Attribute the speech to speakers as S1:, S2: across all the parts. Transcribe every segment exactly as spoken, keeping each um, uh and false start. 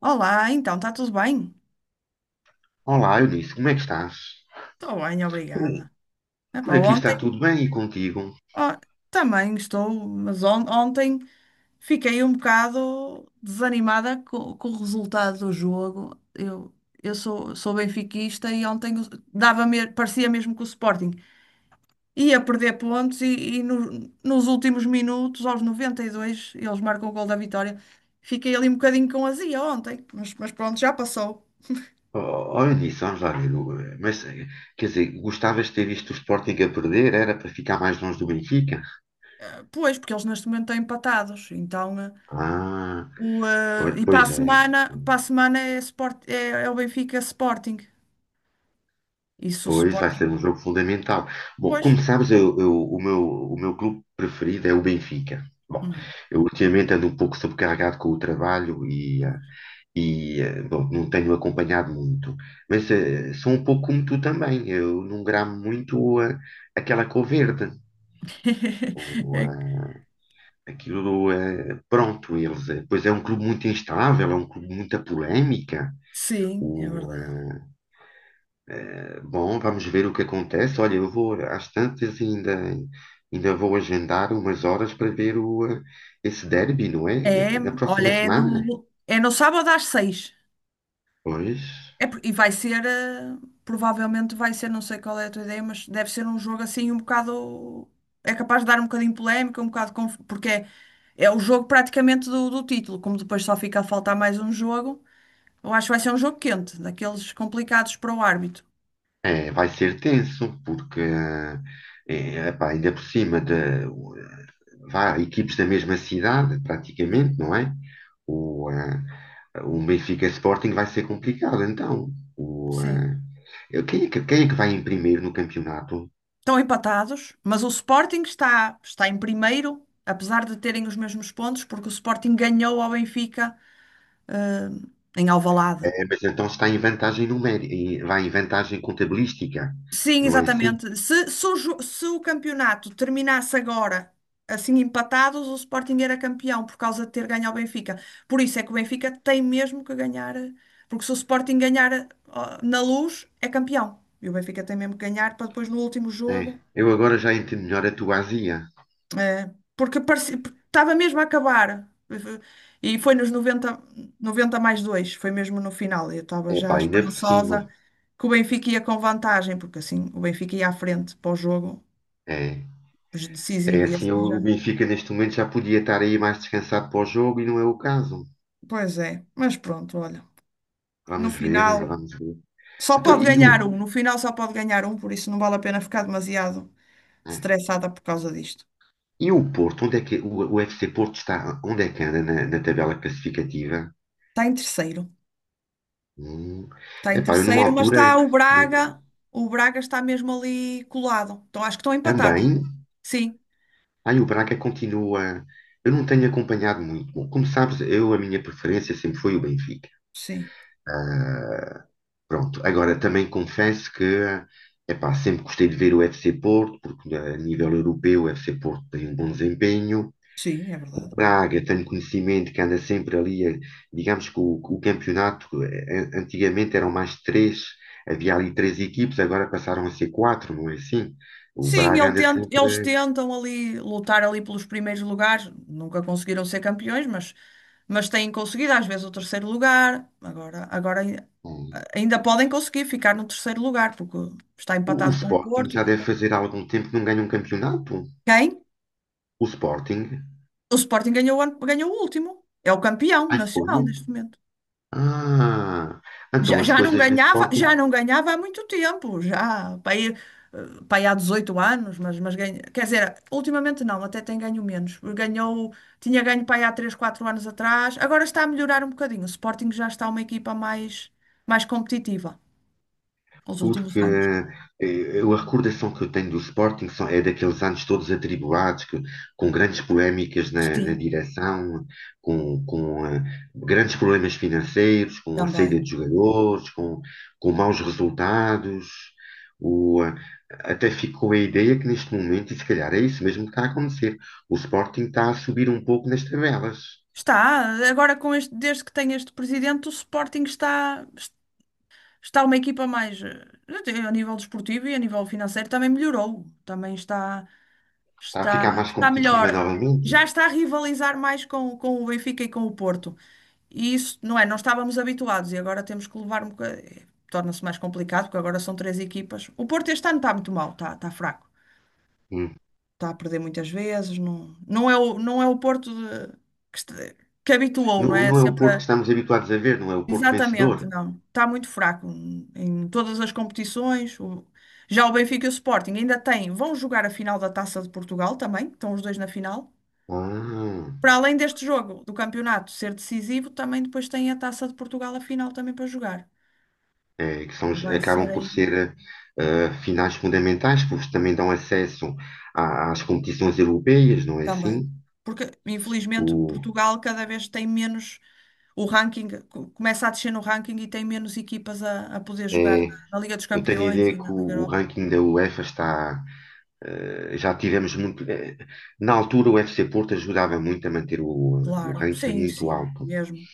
S1: Olá, então, está tudo bem?
S2: Olá, Eunice, como é que estás?
S1: Estou bem,
S2: Por,
S1: obrigada. Epá,
S2: por aqui está
S1: ontem,
S2: tudo bem e contigo?
S1: ó, também estou, mas on- ontem fiquei um bocado desanimada co- com o resultado do jogo. Eu, eu sou, sou benfiquista e ontem o- dava me- parecia mesmo que o Sporting ia perder pontos e, e no- nos últimos minutos, aos noventa e dois, eles marcam o gol da vitória. Fiquei ali um bocadinho com azia ontem, mas, mas pronto, já passou.
S2: Oh, oh, Eunice, vamos lá ver. o- eh, Mas, eh, quer dizer, gostavas de ter visto o Sporting a perder? Era para ficar mais longe do Benfica?
S1: Pois, porque eles neste momento estão empatados, então. Eh,
S2: Ah,
S1: O, eh,
S2: pois,
S1: e para
S2: pois
S1: a
S2: é.
S1: semana, para a semana é, Sport, é, é o Benfica Sporting. Isso o
S2: Pois vai
S1: Sporting.
S2: ser um jogo fundamental. Bom,
S1: Pois.
S2: como sabes, eu, eu- o meu, o meu clube preferido é o Benfica. Bom,
S1: Uhum,
S2: eu ultimamente ando um pouco sobrecarregado com o trabalho e, ah,
S1: pois.
S2: e, eh, bom, não tenho acompanhado muito, mas eh, sou um pouco como tu também. Eu não gramo muito eh, aquela cor verde, ou
S1: É que-
S2: eh, aquilo, eh, pronto, eles, eh, pois é um clube muito instável, é um clube de muita polémica.
S1: Sim, é
S2: O,
S1: verdade.
S2: eh, Bom, vamos ver o que acontece. Olha, eu vou às tantas e ainda, ainda vou agendar umas horas para ver o, eh, esse derby, não é?
S1: É,
S2: Na
S1: olha,
S2: próxima
S1: é
S2: semana.
S1: no, é no sábado às seis.
S2: Pois.
S1: É, por- e vai ser, eh, provavelmente vai ser, não sei qual é a tua ideia, mas deve ser um jogo assim um bocado. É capaz de dar um bocadinho polémica, um bocado. conf- Porque é, é o jogo praticamente do, do título, como depois só fica a faltar mais um jogo. Eu acho que vai ser um jogo quente, daqueles complicados para o árbitro.
S2: É, vai ser tenso, porque eh, é, epá, ainda por cima de vá, equipes da mesma cidade,
S1: Sim.
S2: praticamente, não é? O, eh, o Benfica Sporting vai ser complicado, então. O,
S1: Sim.
S2: eh, quem é que, quem é que vai em primeiro no campeonato?
S1: Estão empatados, mas o Sporting está, está em primeiro, apesar de terem os mesmos pontos, porque o Sporting ganhou ao Benfica, eh, em Alvalade.
S2: Eh, mas então está em vantagem numérica, em- vai em vantagem contabilística,
S1: Sim,
S2: não é assim?
S1: exatamente. Se, se o, jo- se o campeonato terminasse agora, assim empatados, o Sporting era campeão por causa de ter ganho ao Benfica. Por isso é que o Benfica tem mesmo que ganhar, eh, porque se o Sporting ganhar eh, ó, na Luz, é campeão. E o Benfica tem mesmo que ganhar para depois no último
S2: É.
S1: jogo.
S2: Eu agora já entendo melhor a tua azia.
S1: eh, porque parecia- Porque estava mesmo a acabar. E foi nos noventa 90 mais dois foi mesmo no final. Eu estava
S2: É,
S1: já
S2: pá, ainda por cima.
S1: esperançosa que o Benfica ia com vantagem, porque assim o Benfica ia à frente para o jogo
S2: É. É
S1: decisivo e
S2: assim,
S1: assim
S2: o
S1: já.
S2: Benfica neste momento já podia estar aí mais descansado para o jogo e não é o caso.
S1: Pois é, mas pronto, olha. No
S2: Vamos ver,
S1: final,
S2: vamos ver.
S1: só
S2: Então,
S1: pode
S2: e o,
S1: ganhar um. No final, só pode ganhar um, por isso não vale a pena ficar demasiado
S2: né?
S1: estressada por causa disto.
S2: e o Porto? Onde é que o, o F C Porto está? Onde é que anda na, na tabela classificativa?
S1: Está em terceiro,
S2: Hum.
S1: está em
S2: Epá, eu numa
S1: terceiro, mas
S2: altura
S1: está o Braga. O Braga está mesmo ali colado. Então acho que estão empatados.
S2: também.
S1: Sim,
S2: Aí o Braga continua. Eu não tenho acompanhado muito. Bom, como sabes, eu a minha preferência sempre foi o Benfica.
S1: sim,
S2: Pronto, agora também confesso que epá, sempre gostei de ver o F C Porto, porque eh, a nível europeu o F C Porto tem um bom desempenho.
S1: sim, é
S2: O
S1: verdade.
S2: Braga, tenho conhecimento que anda sempre ali, eh, digamos que o, o campeonato, eh, antigamente eram mais três, havia ali três equipes, agora passaram a ser quatro, não é assim? O
S1: Sim,
S2: Braga
S1: ele
S2: anda
S1: tent- eles
S2: sempre.
S1: tentam ali lutar ali pelos primeiros lugares, nunca conseguiram ser campeões, mas, mas têm conseguido às vezes o terceiro lugar. Agora, agora ai-
S2: Hum.
S1: ainda podem conseguir ficar no terceiro lugar, porque está
S2: O, o
S1: empatado com o
S2: Sporting
S1: Porto.
S2: já deve
S1: Qualquer-
S2: fazer há algum tempo que não ganha um campeonato.
S1: Quem?
S2: O Sporting?
S1: O Sporting ganhou, o ano- ganhou o último. É o campeão
S2: Ai, foi?
S1: nacional neste momento.
S2: Ah, então
S1: Já,
S2: as
S1: já não
S2: coisas do
S1: ganhava, já
S2: Sporting.
S1: não ganhava há muito tempo, já para aí, eh, para aí há dezoito anos, mas, mas ganha, quer dizer, ultimamente não, até tem ganho menos. Ganhou, tinha ganho para aí há três, quatro anos atrás, agora está a melhorar um bocadinho. O Sporting já está uma equipa mais, mais competitiva nos últimos
S2: Porque
S1: anos.
S2: eh, eu- a recordação que eu tenho do Sporting são- é daqueles anos todos atribulados, que- com grandes polémicas na, na
S1: Sim,
S2: direção, com, com, eh, grandes problemas financeiros, com a saída
S1: também.
S2: de jogadores, com, com maus resultados. O, eh, Até ficou a ideia que neste momento, e se calhar é isso mesmo que está a acontecer, o Sporting está a subir um pouco nas tabelas,
S1: Está, agora com este, desde que tem este presidente, o Sporting está, está uma equipa mais, eh, a nível desportivo e a nível financeiro também melhorou, também está,
S2: está a
S1: está,
S2: ficar mais
S1: está
S2: competitiva
S1: melhor,
S2: novamente.
S1: já está a rivalizar mais com, com o Benfica e com o Porto. E isso, não é? Não estávamos habituados e agora temos que levar um bocadinho. Torna-se mais complicado, porque agora são três equipas. O Porto este ano está muito mal, está, está fraco.
S2: Hum.
S1: Está a perder muitas vezes. Não, não é o, não é o Porto de- que, este- que habituou, não
S2: Não,
S1: é?
S2: não é o
S1: Sempre
S2: Porto que estamos habituados a ver, não é o Porto
S1: Exatamente,
S2: vencedor.
S1: não. Está muito fraco em em todas as competições. O- Já o Benfica e o Sporting ainda têm, vão jogar a final da Taça de Portugal também, estão os dois na final.
S2: Ah,
S1: Para além deste jogo do campeonato ser decisivo, também depois tem a Taça de Portugal a final também para jogar.
S2: é, que são, os-
S1: Vai ser
S2: acabam por
S1: aí
S2: ser eh, finais fundamentais, porque também dão acesso à- às competições europeias, não é
S1: também.
S2: assim?
S1: Porque, infelizmente,
S2: O,
S1: Portugal cada vez tem menos o ranking, co- começa a descer no ranking e tem menos equipas a, a poder jogar na,
S2: é,
S1: na Liga dos
S2: eu tenho a
S1: Campeões
S2: ideia
S1: e
S2: que
S1: na Liga
S2: o, o
S1: Europa.
S2: ranking da UEFA está. Eh, já tivemos muito. Eh, na altura, o F C Porto ajudava muito a manter o, o
S1: Claro,
S2: ranking
S1: sim,
S2: muito
S1: sim,
S2: alto,
S1: mesmo.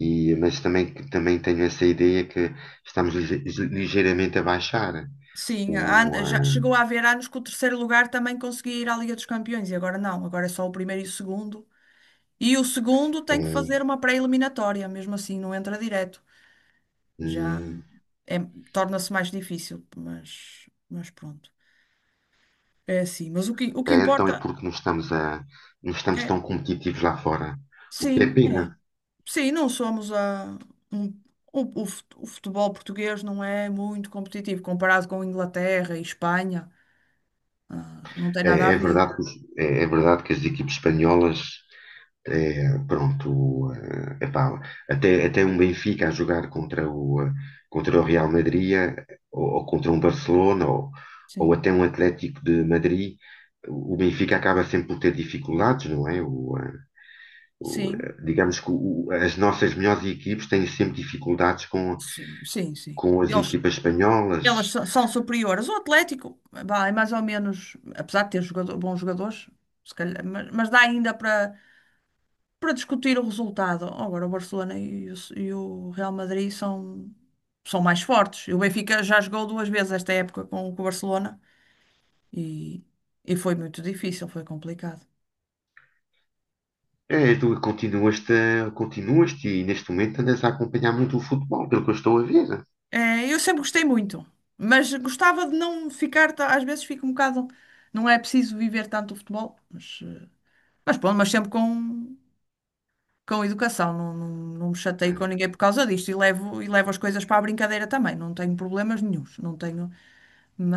S2: e, mas também, que- também tenho essa ideia que estamos lige- ligeiramente a baixar.
S1: Sim,
S2: O,
S1: há- já
S2: ah,
S1: chegou a haver anos que o terceiro lugar também conseguia ir à Liga dos Campeões e agora não, agora é só o primeiro e o segundo. E o segundo tem que
S2: É,
S1: fazer uma pré-eliminatória, mesmo assim, não entra direto. Já
S2: hum,
S1: é- torna-se mais difícil, mas, mas pronto. É assim, mas o que, o que
S2: é, então
S1: importa
S2: é porque não estamos, a, não estamos
S1: é,
S2: tão competitivos lá fora, o que é
S1: sim, é.
S2: pena.
S1: Sim, não somos a, um- o, o fut- o futebol português não é muito competitivo comparado com Inglaterra e Espanha. Ah, não tem nada
S2: É,
S1: a
S2: é
S1: ver.
S2: verdade que, os- é, é verdade que as equipes espanholas, é, pronto, eh, epá, até, até um Benfica a jogar contra o, eh, contra o Real Madrid, eh, ou, ou contra um Barcelona, ou, ou
S1: Sim,
S2: até um Atlético de Madrid, o Benfica acaba sempre por ter dificuldades, não é? O, eh, o,
S1: sim.
S2: eh, digamos que o- as nossas melhores equipes têm sempre dificuldades com,
S1: Sim, sim, sim.
S2: com as
S1: Eles,
S2: equipas espanholas.
S1: elas so- são superiores. O Atlético, vá, é mais ou menos, apesar de ter jogador- bons jogadores, se calhar, mas, mas dá ainda para para discutir o resultado. Agora, o Barcelona e o, e o Real Madrid são, são mais fortes. E o Benfica já jogou duas vezes esta época com, com o Barcelona e, e foi muito difícil, foi complicado.
S2: É, tu continuaste, a- continuaste e neste momento andas a acompanhar muito o futebol, pelo que eu estou a ver.
S1: É, eu sempre gostei muito, mas gostava de não ficar, ta- às vezes fico um bocado, não é preciso viver tanto o futebol, mas. eh, Mas pronto, mas sempre com, com educação, não, não, não me chateio com
S2: É,
S1: ninguém por causa disto e levo, e levo as coisas para a brincadeira também, não tenho problemas nenhuns, não tenho,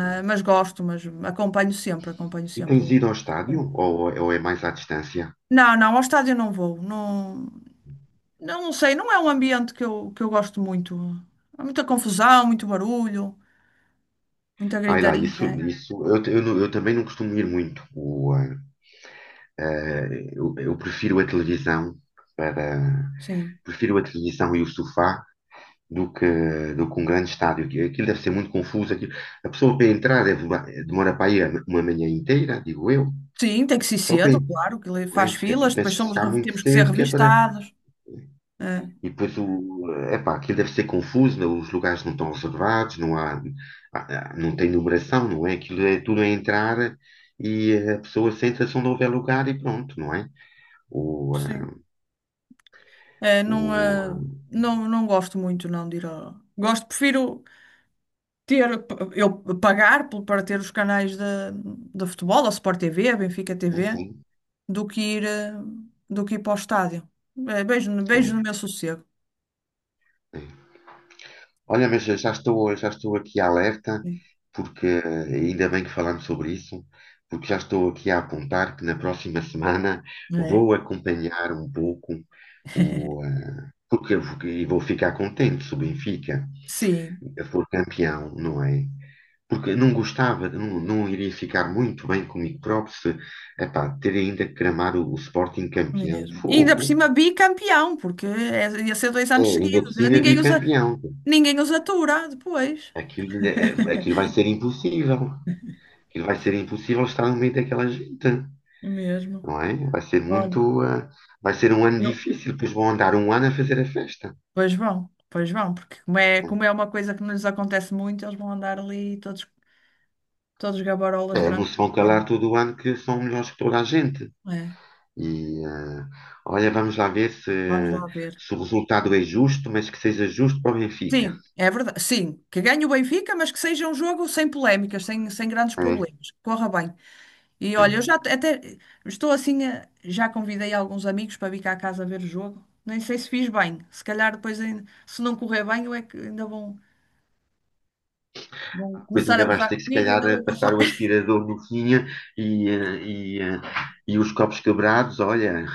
S2: tu-
S1: mas, gosto, mas acompanho sempre, acompanho
S2: E
S1: sempre
S2: tens
S1: o...
S2: ido ao estádio
S1: o-
S2: ou, ou é mais à distância?
S1: Não, não, ao estádio não vou, não, não sei, não é um ambiente que eu, que eu gosto muito, há muita confusão, muito barulho, muita
S2: Ai lá, isso,
S1: gritaria,
S2: isso eu, te- eu não- eu também não costumo ir muito. O, ah, ah, eu, eu prefiro a televisão para
S1: sim.
S2: prefiro a televisão e o sofá do que, do que um grande estádio. Aquilo aquilo deve ser muito confuso. Aquilo, a pessoa para entrar deve, demora para ir uma manhã inteira, digo eu.
S1: Sim, tem que ser
S2: Só para.
S1: cedo, claro, que le-
S2: Né?
S1: faz
S2: Te- te-
S1: filas,
S2: Tens
S1: depois
S2: que
S1: somos,
S2: chegar
S1: re-
S2: muito
S1: temos que ser
S2: cedo, que é para.
S1: revistados, é,
S2: E depois o. Epá, aquilo deve ser confuso, né? Os lugares não estão reservados, não há, há- há- não tem numeração, não é? Aquilo é tudo a entrar e a pessoa senta-se onde houver lugar e pronto, não é? O,
S1: sim.
S2: ah,
S1: É, não,
S2: o,
S1: eh,
S2: ah,
S1: não, não gosto muito não de ir ao... Gosto, prefiro ter, eu pagar pelo- para ter os canais de, de futebol, a Sport T V, a Benfica
S2: é
S1: T V,
S2: sim,
S1: do que ir, eh, do que ir para o estádio. É, beijo, no- beijo
S2: é,
S1: no meu sossego.
S2: é. Olha, mas eu já estou, já estou aqui alerta, porque ah, ainda bem que falamos sobre isso, porque já estou aqui a apontar que na próxima semana
S1: É.
S2: vou acompanhar um pouco o. eh, Porque eu vou- e vou ficar contente se o Benfica
S1: Sim,
S2: for campeão, não é? Porque não gostava, não, não iria ficar muito bem comigo próprio se, epá, ter ainda que cramar o, o Sporting campeão,
S1: mesmo. E ainda por
S2: fogo.
S1: cima bicampeão, porque é- ia ser dois
S2: É,
S1: anos
S2: ainda por
S1: seguidos. Eh,
S2: cima
S1: Ninguém usa,
S2: bicampeão.
S1: ninguém os atura depois.
S2: Aquilo, é- é- aquilo vai ser impossível. Aquilo vai ser impossível estar no meio daquela gente,
S1: Mesmo.
S2: não é? Vai ser
S1: Olha.
S2: muito, ah, vai ser um ano
S1: Eu
S2: difícil, depois vão andar um ano a fazer a festa.
S1: Pois vão, pois vão, porque como é, como é uma coisa que nos acontece muito, eles vão andar ali todos, todos gabarolas
S2: É, não
S1: durante
S2: se
S1: muito
S2: vão calar
S1: tempo.
S2: todo o ano que são melhores que toda a gente.
S1: É,
S2: E, eh, olha, vamos lá ver se,
S1: vamos lá ver.
S2: se o resultado é justo, mas que seja justo para o Benfica.
S1: Sim, é verdade. Sim, que ganhe o Benfica, mas que seja um jogo sem polémicas, sem, sem grandes
S2: É,
S1: problemas. Que Corra bem. E olha, eu
S2: é.
S1: já te- até estou assim, eh, já convidei alguns amigos para vir cá a casa ver o jogo. Nem sei se fiz bem. Se calhar depois, ainda- se não correr bem, eu é que ainda vão, vão
S2: Ah, pois
S1: começar a
S2: ainda vais ter
S1: gozar
S2: que, se
S1: comigo,
S2: calhar,
S1: ainda
S2: eh,
S1: vão
S2: passar
S1: passar.
S2: o aspirador no fim e, eh, e, eh, e os copos quebrados, olha.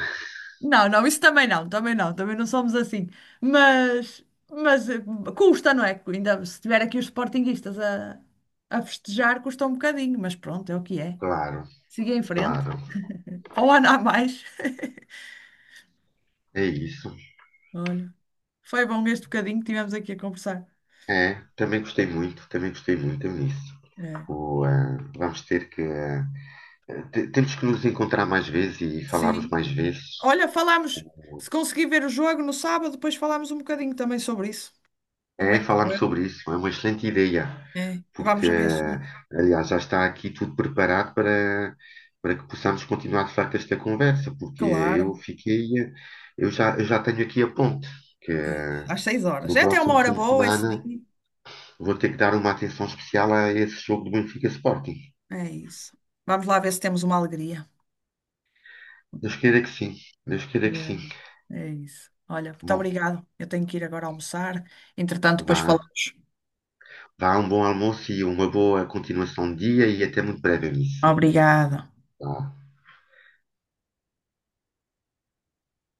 S1: Não, não, isso também não, também não, também não somos assim. Mas, mas eh, custa, não é? Ainda se tiver aqui os sportinguistas a, a festejar, custa um bocadinho, mas pronto, é o que é.
S2: Claro,
S1: Siga em frente,
S2: claro.
S1: para o ano há mais.
S2: É isso.
S1: Olha, foi bom este bocadinho que tivemos aqui a conversar.
S2: É, também gostei muito, também gostei muito nisso.
S1: É.
S2: O, eh, vamos ter que. eh, te- temos que nos encontrar mais vezes e falarmos
S1: Sim.
S2: mais vezes.
S1: Olha, falámos, se conseguir ver o jogo no sábado, depois falámos um bocadinho também sobre isso. Como
S2: É,
S1: é que
S2: falarmos
S1: foi?
S2: sobre isso, é uma excelente ideia,
S1: É. E
S2: porque,
S1: vamos a ver se.
S2: aliás, já está aqui tudo preparado para, para que possamos continuar de facto esta conversa, porque eu
S1: Claro,
S2: fiquei, eu já, eu já tenho aqui a ponte, que,
S1: é isso. Às seis
S2: que
S1: horas.
S2: no
S1: É até uma
S2: próximo
S1: hora
S2: fim de
S1: boa, é
S2: semana
S1: cedinho.
S2: vou ter que dar uma atenção especial a esse jogo do Benfica Sporting.
S1: É isso. Vamos lá ver se temos uma alegria.
S2: Deus queira que sim, Deus queira que sim.
S1: Mesmo. É isso. Olha, muito
S2: Bom,
S1: obrigado. Eu tenho que ir agora almoçar. Entretanto, depois
S2: vá,
S1: falamos.
S2: vá um bom almoço e uma boa continuação de dia e até muito breve, nisso.
S1: Obrigada.